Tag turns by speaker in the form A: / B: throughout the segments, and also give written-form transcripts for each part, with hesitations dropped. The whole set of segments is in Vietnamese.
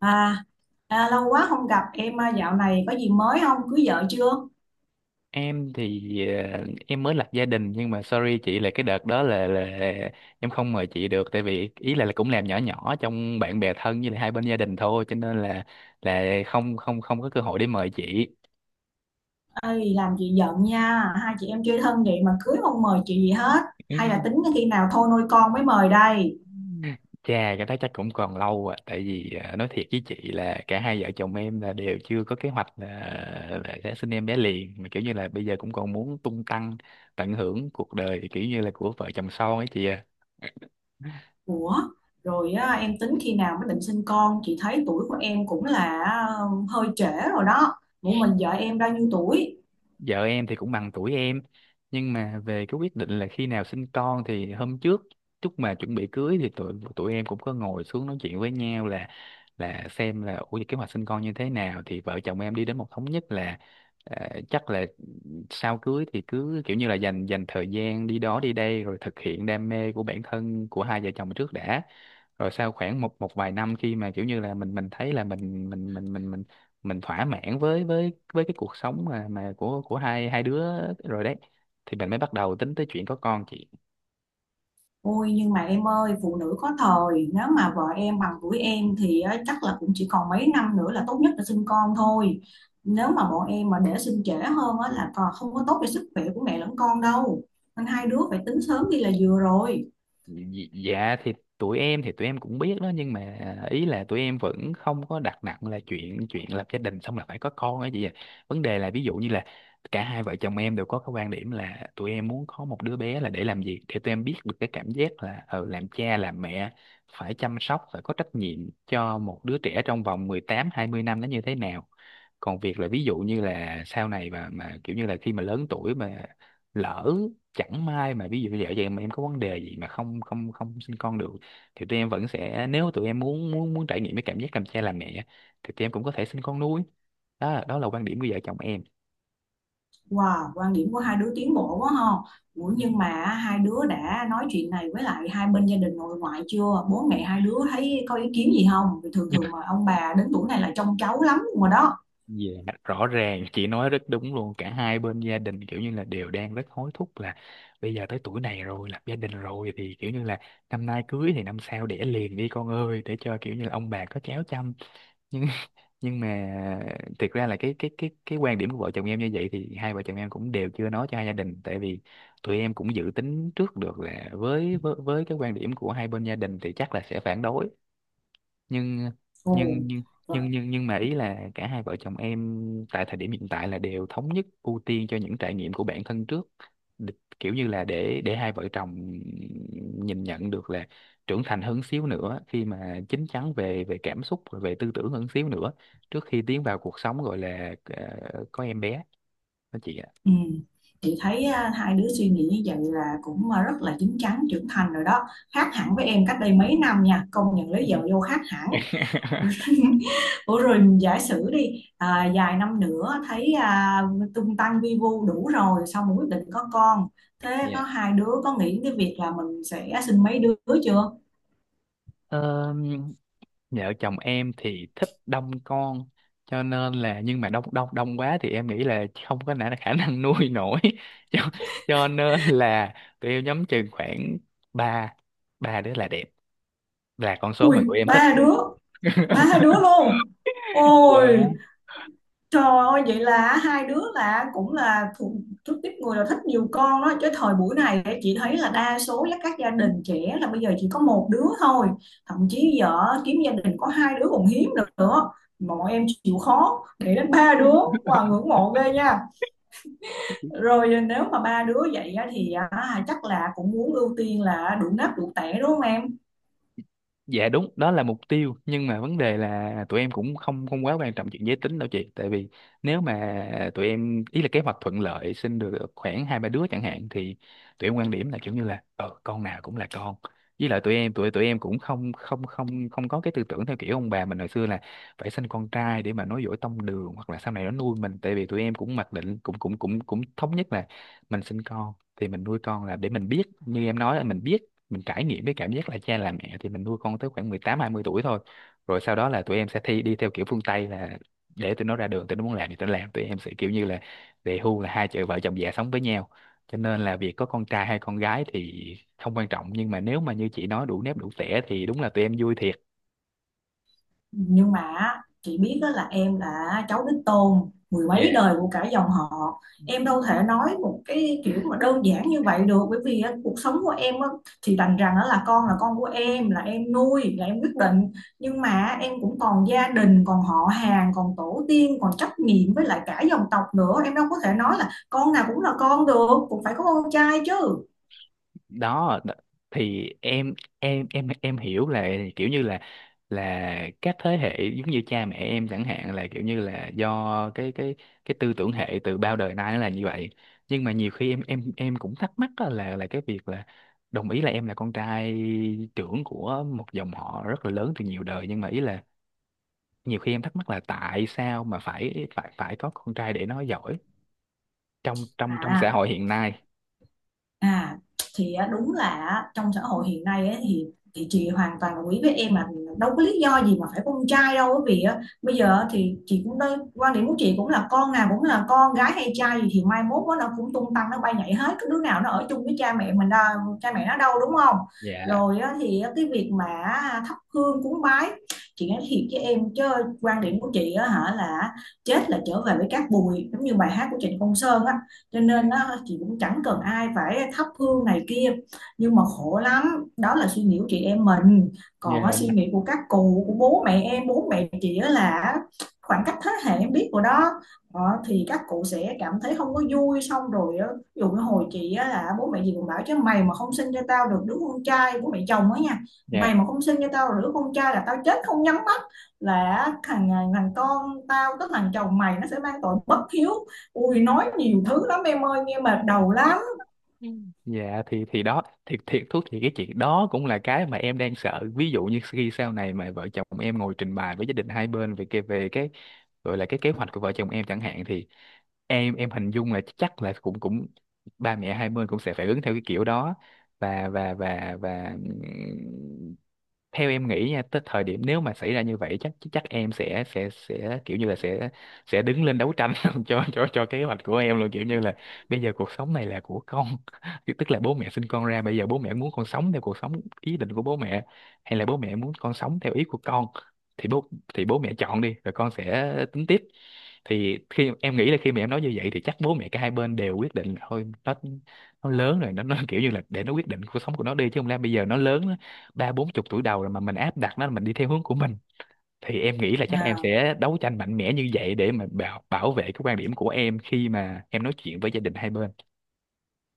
A: À, à, lâu quá không gặp em à, dạo này có gì mới không? Cưới vợ chưa?
B: em thì em mới lập gia đình, nhưng mà sorry chị, là cái đợt đó là em không mời chị được, tại vì ý là cũng làm nhỏ nhỏ trong bạn bè thân với lại hai bên gia đình thôi, cho nên là không không không có cơ hội để mời chị.
A: Ơi làm chị giận nha, hai chị em chơi thân vậy mà cưới không mời chị gì hết. Hay là tính khi nào thôi nuôi con mới mời đây?
B: Chà, cái đó chắc cũng còn lâu à, tại vì nói thiệt với chị là cả hai vợ chồng em là đều chưa có kế hoạch là sẽ sinh em bé liền, mà kiểu như là bây giờ cũng còn muốn tung tăng tận hưởng cuộc đời, kiểu như là của vợ chồng son ấy chị à.
A: Ủa, rồi á, em tính khi nào mới định sinh con? Chị thấy tuổi của em cũng là hơi trễ rồi đó. Ủa mình vợ em bao nhiêu tuổi?
B: Vợ em thì cũng bằng tuổi em, nhưng mà về cái quyết định là khi nào sinh con thì hôm trước lúc mà chuẩn bị cưới thì tụi tụi em cũng có ngồi xuống nói chuyện với nhau là xem là ủa kế hoạch sinh con như thế nào, thì vợ chồng em đi đến một thống nhất là chắc là sau cưới thì cứ kiểu như là dành dành thời gian đi đó đi đây, rồi thực hiện đam mê của bản thân của hai vợ chồng trước đã. Rồi sau khoảng một một vài năm, khi mà kiểu như là mình thấy là mình thỏa mãn với cái cuộc sống mà của hai hai đứa rồi đấy, thì mình mới bắt đầu tính tới chuyện có con, chị.
A: Ôi nhưng mà em ơi, phụ nữ có thời. Nếu mà vợ em bằng tuổi em thì á, chắc là cũng chỉ còn mấy năm nữa là tốt nhất là sinh con thôi. Nếu mà bọn em mà để sinh trễ hơn á, là còn không có tốt cho sức khỏe của mẹ lẫn con đâu. Nên hai đứa phải tính sớm đi là vừa rồi.
B: Dạ, dạ, thì tụi em cũng biết đó, nhưng mà ý là tụi em vẫn không có đặt nặng là chuyện chuyện lập gia đình xong là phải có con ấy chị ạ. Vấn đề là ví dụ như là cả hai vợ chồng em đều có cái quan điểm là tụi em muốn có một đứa bé là để làm gì, để tụi em biết được cái cảm giác là làm cha làm mẹ, phải chăm sóc, phải có trách nhiệm cho một đứa trẻ trong vòng 18 20 năm nó như thế nào. Còn việc là ví dụ như là sau này mà kiểu như là khi mà lớn tuổi mà lỡ chẳng may mà ví dụ vợ chồng em có vấn đề gì mà không không không sinh con được, thì tụi em vẫn sẽ, nếu tụi em muốn muốn muốn trải nghiệm cái cảm giác làm cha làm mẹ, thì tụi em cũng có thể sinh con nuôi. Đó đó là quan điểm của vợ chồng em.
A: Wow quan điểm của hai đứa tiến bộ quá ha. Ủa
B: Ừ.
A: nhưng mà hai đứa đã nói chuyện này với lại hai bên gia đình nội ngoại chưa? Bố mẹ hai đứa thấy có ý kiến gì không? Vì thường thường mà ông bà đến tuổi này là trông cháu lắm rồi đó.
B: Dạ, rõ ràng chị nói rất đúng luôn, cả hai bên gia đình kiểu như là đều đang rất hối thúc là bây giờ tới tuổi này rồi, lập gia đình rồi thì kiểu như là năm nay cưới thì năm sau đẻ liền đi con ơi, để cho kiểu như là ông bà có cháu chăm. Nhưng mà thiệt ra là cái quan điểm của vợ chồng em như vậy thì hai vợ chồng em cũng đều chưa nói cho hai gia đình, tại vì tụi em cũng dự tính trước được là với cái quan điểm của hai bên gia đình thì chắc là sẽ phản đối. nhưng
A: Ồ.
B: nhưng nhưng nhưng nhưng nhưng mà ý là cả hai vợ chồng em tại thời điểm hiện tại là đều thống nhất ưu tiên cho những trải nghiệm của bản thân trước. Đ- kiểu như là để hai vợ chồng nhìn nhận được là trưởng thành hơn xíu nữa, khi mà chín chắn về về cảm xúc rồi về tư tưởng hơn xíu nữa trước khi tiến vào cuộc sống gọi là có em bé, đó chị ạ.
A: Ừ. Chị thấy hai đứa suy nghĩ như vậy là cũng rất là chín chắn trưởng thành rồi đó, khác hẳn với em cách đây mấy năm nha, công nhận lấy vợ vô khác hẳn. Ủa rồi giả sử đi vài năm nữa thấy tung tăng vi vu đủ rồi xong rồi quyết định có con, thế
B: Dạ.
A: có hai đứa có nghĩ cái việc là mình sẽ sinh mấy đứa chưa?
B: Ờ, Vợ chồng em thì thích đông con, cho nên là nhưng mà đông đông đông quá thì em nghĩ là không có khả năng nuôi nổi cho, cho nên là tụi em nhắm chừng khoảng ba ba đứa là đẹp, là con số
A: Ui,
B: mà tụi em thích.
A: ba đứa, ba đứa luôn. Ôi.
B: Dạ.
A: Trời ơi, vậy là hai đứa là cũng là thuộc thuộc tiếp người là thích nhiều con đó chứ. Thời buổi này á, chị thấy là đa số là các gia đình trẻ là bây giờ chỉ có một đứa thôi, thậm chí giờ kiếm gia đình có hai đứa còn hiếm nữa. Bọn em chịu khó để đến ba đứa, wow ngưỡng mộ ghê nha. Rồi nếu mà ba đứa vậy á, thì chắc là cũng muốn ưu tiên là đủ nắp đủ tẻ đúng không em?
B: Dạ đúng, đó là mục tiêu, nhưng mà vấn đề là tụi em cũng không không quá quan trọng chuyện giới tính đâu chị, tại vì nếu mà tụi em ý là kế hoạch thuận lợi sinh được khoảng hai ba đứa chẳng hạn thì tụi em quan điểm là kiểu như là ờ con nào cũng là con. Với lại tụi em cũng không không không không có cái tư tưởng theo kiểu ông bà mình hồi xưa là phải sinh con trai để mà nối dõi tông đường hoặc là sau này nó nuôi mình, tại vì tụi em cũng mặc định cũng cũng cũng cũng thống nhất là mình sinh con thì mình nuôi con là để mình biết, như em nói là mình biết, mình trải nghiệm cái cảm giác là cha làm mẹ, thì mình nuôi con tới khoảng 18 20 tuổi thôi. Rồi sau đó là tụi em sẽ thi đi theo kiểu phương Tây là để tụi nó ra đường, tụi nó muốn làm thì tụi nó làm, tụi em sẽ kiểu như là về hưu, là hai vợ chồng già sống với nhau. Cho nên là việc có con trai hay con gái thì không quan trọng, nhưng mà nếu mà như chị nói đủ nếp đủ tẻ thì đúng là tụi em vui thiệt.
A: Nhưng mà á, chị biết đó, là em là cháu đích tôn mười mấy đời của cả dòng họ, em đâu thể nói một cái kiểu mà đơn giản như vậy được, bởi vì á, cuộc sống của em á, thì đành rằng đó là con, là con của em, là em nuôi, là em quyết định, nhưng mà em cũng còn gia đình, còn họ hàng, còn tổ tiên, còn trách nhiệm với lại cả dòng tộc nữa, em đâu có thể nói là con nào cũng là con được, cũng phải có con trai chứ.
B: đó đ- thì em hiểu là kiểu như là các thế hệ giống như cha mẹ em chẳng hạn là kiểu như là do cái tư tưởng hệ từ bao đời nay nó là như vậy, nhưng mà nhiều khi em cũng thắc mắc á là cái việc là đồng ý là em là con trai trưởng của một dòng họ rất là lớn từ nhiều đời, nhưng mà ý là nhiều khi em thắc mắc là tại sao mà phải phải phải có con trai để nó giỏi trong trong trong xã
A: à
B: hội hiện nay.
A: À thì á, đúng là á, trong xã hội hiện nay ấy, thì chị hoàn toàn đồng ý với em mà, đâu có lý do gì mà phải con trai đâu, bởi vì á, bây giờ á, thì chị cũng đây, quan điểm của chị cũng là con nào cũng là con, gái hay trai gì thì mai mốt á, nó cũng tung tăng nó bay nhảy hết, cái đứa nào nó ở chung với cha mẹ mình đâu, cha mẹ nó đâu đúng không?
B: Dạ,
A: Rồi á, thì á, cái việc mà thắp hương cúng bái, chị nói thiệt với em chứ, quan điểm của chị á, hả, là chết là trở về với cát bụi giống như bài hát của Trịnh Công Sơn á, cho
B: dạ,
A: nên á, chị cũng chẳng cần ai phải thắp hương này kia. Nhưng mà khổ lắm, đó là suy nghĩ của chị em mình, còn
B: dạ.
A: á, suy nghĩ của các cụ, của bố mẹ em, bố mẹ chị á là khoảng cách thế hệ em biết rồi đó. Ờ, thì các cụ sẽ cảm thấy không có vui, xong rồi á, ví dụ như hồi chị á, là bố mẹ gì cũng bảo chứ mày mà không sinh cho tao được đứa con trai, bố mẹ chồng á nha, mày
B: Dạ.
A: mà không sinh cho tao được đứa con trai là tao chết không nhắm mắt, là thằng con tao, tức thằng chồng mày nó sẽ mang tội bất hiếu. Ui, nói nhiều thứ lắm em ơi, nghe mệt đầu lắm.
B: Ừ. Dạ, thì đó, thiệt thiệt thú thì cái chuyện đó cũng là cái mà em đang sợ, ví dụ như khi sau này mà vợ chồng em ngồi trình bày với gia đình hai bên về cái gọi là cái kế hoạch của vợ chồng em chẳng hạn thì em hình dung là chắc là cũng cũng ba mẹ hai bên cũng sẽ phải ứng theo cái kiểu đó, và theo em nghĩ nha, tới thời điểm nếu mà xảy ra như vậy chắc chắc em sẽ kiểu như là sẽ đứng lên đấu tranh cho kế hoạch của em luôn, kiểu như là bây giờ cuộc sống này là của con. Thì tức là bố mẹ sinh con ra, bây giờ bố mẹ muốn con sống theo cuộc sống ý định của bố mẹ hay là bố mẹ muốn con sống theo ý của con, thì bố mẹ chọn đi rồi con sẽ tính tiếp. Thì khi em nghĩ là khi mà em nói như vậy thì chắc bố mẹ cả hai bên đều quyết định thôi, nó lớn rồi, nó kiểu như là để nó quyết định cuộc sống của nó đi, chứ không lẽ bây giờ nó lớn ba bốn chục tuổi đầu rồi mà mình áp đặt nó, mình đi theo hướng của mình. Thì em nghĩ là chắc em
A: À.
B: sẽ đấu tranh mạnh mẽ như vậy để mà bảo bảo vệ cái quan điểm của em khi mà em nói chuyện với gia đình hai bên.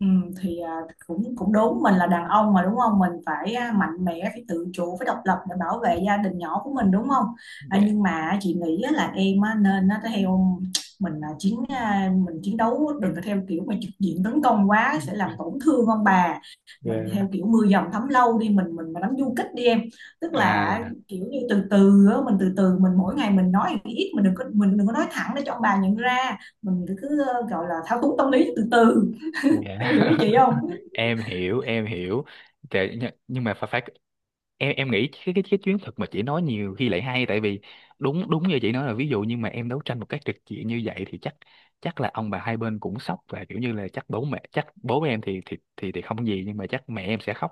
A: Ừ, thì cũng cũng đúng, mình là đàn ông mà đúng không, mình phải mạnh mẽ, phải tự chủ, phải độc lập để bảo vệ gia đình nhỏ của mình đúng không?
B: Dạ.
A: Nhưng mà chị nghĩ á, là em á, nên á, theo mình là mình chiến đấu, đừng có theo kiểu mà trực diện tấn công quá sẽ làm tổn thương ông bà, mình
B: Yeah.
A: theo kiểu mưa dầm thấm lâu đi, mình mà đánh du kích đi em, tức là
B: À,
A: kiểu như từ từ á, mình từ từ, mình mỗi ngày mình nói ít, mình đừng có nói thẳng, để cho ông bà nhận ra. Mình cứ gọi là thao túng tâm lý từ từ.
B: dạ.
A: Em hiểu ý chị không?
B: Em hiểu, em hiểu. Nhưng mà phải phải em nghĩ cái chuyến thực mà chị nói nhiều khi lại hay, tại vì đúng đúng như chị nói là, ví dụ nhưng mà em đấu tranh một cách trực diện như vậy thì chắc chắc là ông bà hai bên cũng sốc và kiểu như là chắc bố em thì không gì, nhưng mà chắc mẹ em sẽ khóc,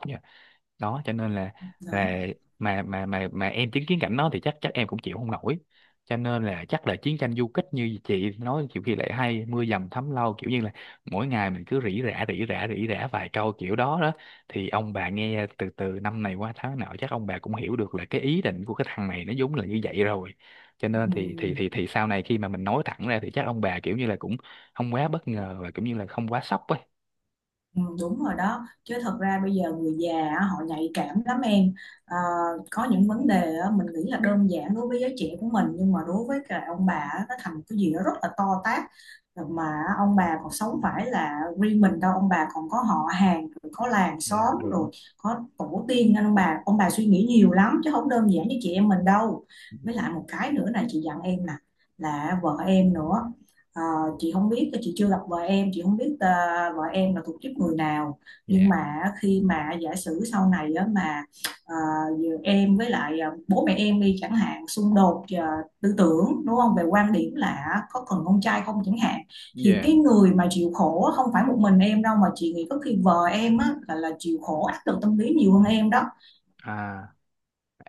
B: đó cho nên là
A: Đó.
B: là mà em chứng kiến cảnh đó thì chắc chắc em cũng chịu không nổi, cho nên là chắc là chiến tranh du kích như chị nói nhiều khi lại hay, mưa dầm thấm lâu, kiểu như là mỗi ngày mình cứ rỉ rả rỉ rả rỉ rả vài câu kiểu đó đó, thì ông bà nghe từ từ năm này qua tháng nọ chắc ông bà cũng hiểu được là cái ý định của cái thằng này nó vốn là như vậy rồi, cho nên
A: Ừ,
B: thì sau này khi mà mình nói thẳng ra thì chắc ông bà kiểu như là cũng không quá bất ngờ và cũng như là không quá sốc ấy.
A: ừ, đúng rồi đó chứ, thật ra bây giờ người già á, họ nhạy cảm lắm em. Ờ, có những vấn đề á, mình nghĩ là đơn giản đối với giới trẻ của mình nhưng mà đối với cả ông bà á, nó thành một cái gì đó rất là to tát, mà ông bà còn sống phải là riêng mình đâu, ông bà còn có họ hàng rồi có làng
B: Dạ
A: xóm
B: đúng.
A: rồi có tổ tiên, nên ông bà suy nghĩ nhiều lắm chứ không đơn giản như chị em mình đâu. Với lại một cái nữa này chị dặn em nè, là vợ em nữa. Ờ, chị không biết, chị chưa gặp vợ em, chị không biết vợ em là thuộc tiếp người nào, nhưng
B: Dạ,
A: mà khi mà giả sử sau này á, mà ờ, giờ em với lại bố mẹ em đi chẳng hạn xung đột tư tưởng đúng không, về quan điểm là có cần con trai không chẳng hạn, thì
B: dạ.
A: cái người mà chịu khổ á, không phải một mình em đâu mà chị nghĩ có khi vợ em á, là chịu khổ áp lực tâm lý nhiều hơn em đó.
B: À.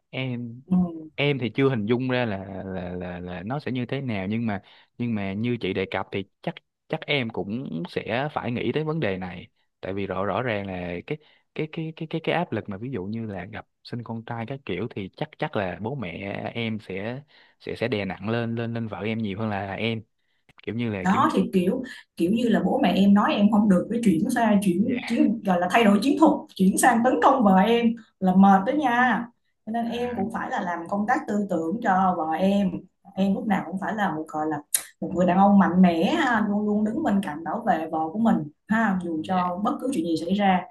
B: em
A: Ừ.
B: em thì chưa hình dung ra là nó sẽ như thế nào, nhưng mà như chị đề cập thì chắc chắc em cũng sẽ phải nghĩ tới vấn đề này, tại vì rõ rõ ràng là cái áp lực mà ví dụ như là gặp sinh con trai các kiểu thì chắc chắc là bố mẹ em sẽ đè nặng lên lên lên vợ em nhiều hơn là em, kiểu như là kiểu như
A: Đó thì kiểu kiểu như là bố mẹ em nói em không được cái, chuyển sang
B: dạ,
A: chuyển chiến, gọi là thay đổi chiến thuật, chuyển sang tấn công vợ em là mệt đó nha, cho nên em
B: à,
A: cũng phải là làm công tác tư tưởng cho vợ em. Em lúc nào cũng phải là một, gọi là một người đàn ông mạnh mẽ ha, luôn luôn đứng bên cạnh bảo vệ vợ của mình ha, dù
B: dạ,
A: cho bất cứ chuyện gì xảy ra,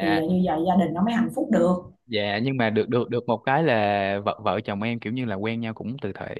A: thì như vậy gia đình nó mới hạnh phúc được.
B: Dạ, nhưng mà được được được một cái là vợ vợ chồng em kiểu như là quen nhau cũng từ thời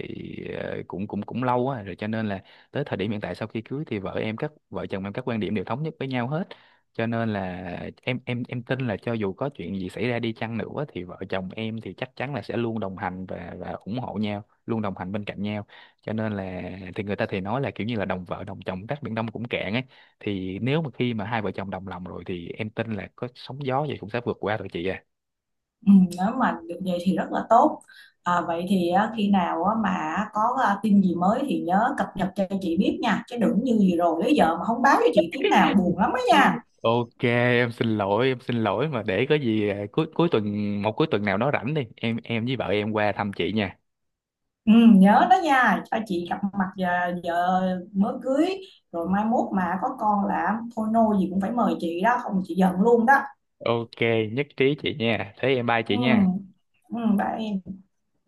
B: cũng cũng cũng lâu á rồi, cho nên là tới thời điểm hiện tại sau khi cưới thì vợ em các vợ chồng em các quan điểm đều thống nhất với nhau hết, cho nên là em tin là cho dù có chuyện gì xảy ra đi chăng nữa thì vợ chồng em thì chắc chắn là sẽ luôn đồng hành và ủng hộ nhau, luôn đồng hành bên cạnh nhau. Cho nên là thì người ta thì nói là kiểu như là đồng vợ đồng chồng tát biển Đông cũng cạn ấy, thì nếu mà khi mà hai vợ chồng đồng lòng rồi thì em tin là có sóng gió gì cũng sẽ vượt qua rồi chị ạ.
A: Ừ, nếu mà được vậy thì rất là tốt. À, vậy thì á, khi nào á, mà có tin gì mới thì nhớ cập nhật cho chị biết nha. Chứ đừng như gì rồi tới giờ mà không báo cho chị tiếng nào buồn lắm á nha.
B: Ok, em xin lỗi, em xin lỗi, mà để có gì à, cuối cuối tuần một cuối tuần nào đó rảnh đi, em với vợ em qua thăm chị nha.
A: Ừ, nhớ đó nha, cho chị gặp mặt, giờ mới cưới, rồi mai mốt mà có con là thôi nôi gì cũng phải mời chị đó, không chị giận luôn đó.
B: Ok, nhất trí chị nha. Thế em bye
A: Ừ,
B: chị nha.
A: ừ, bye em.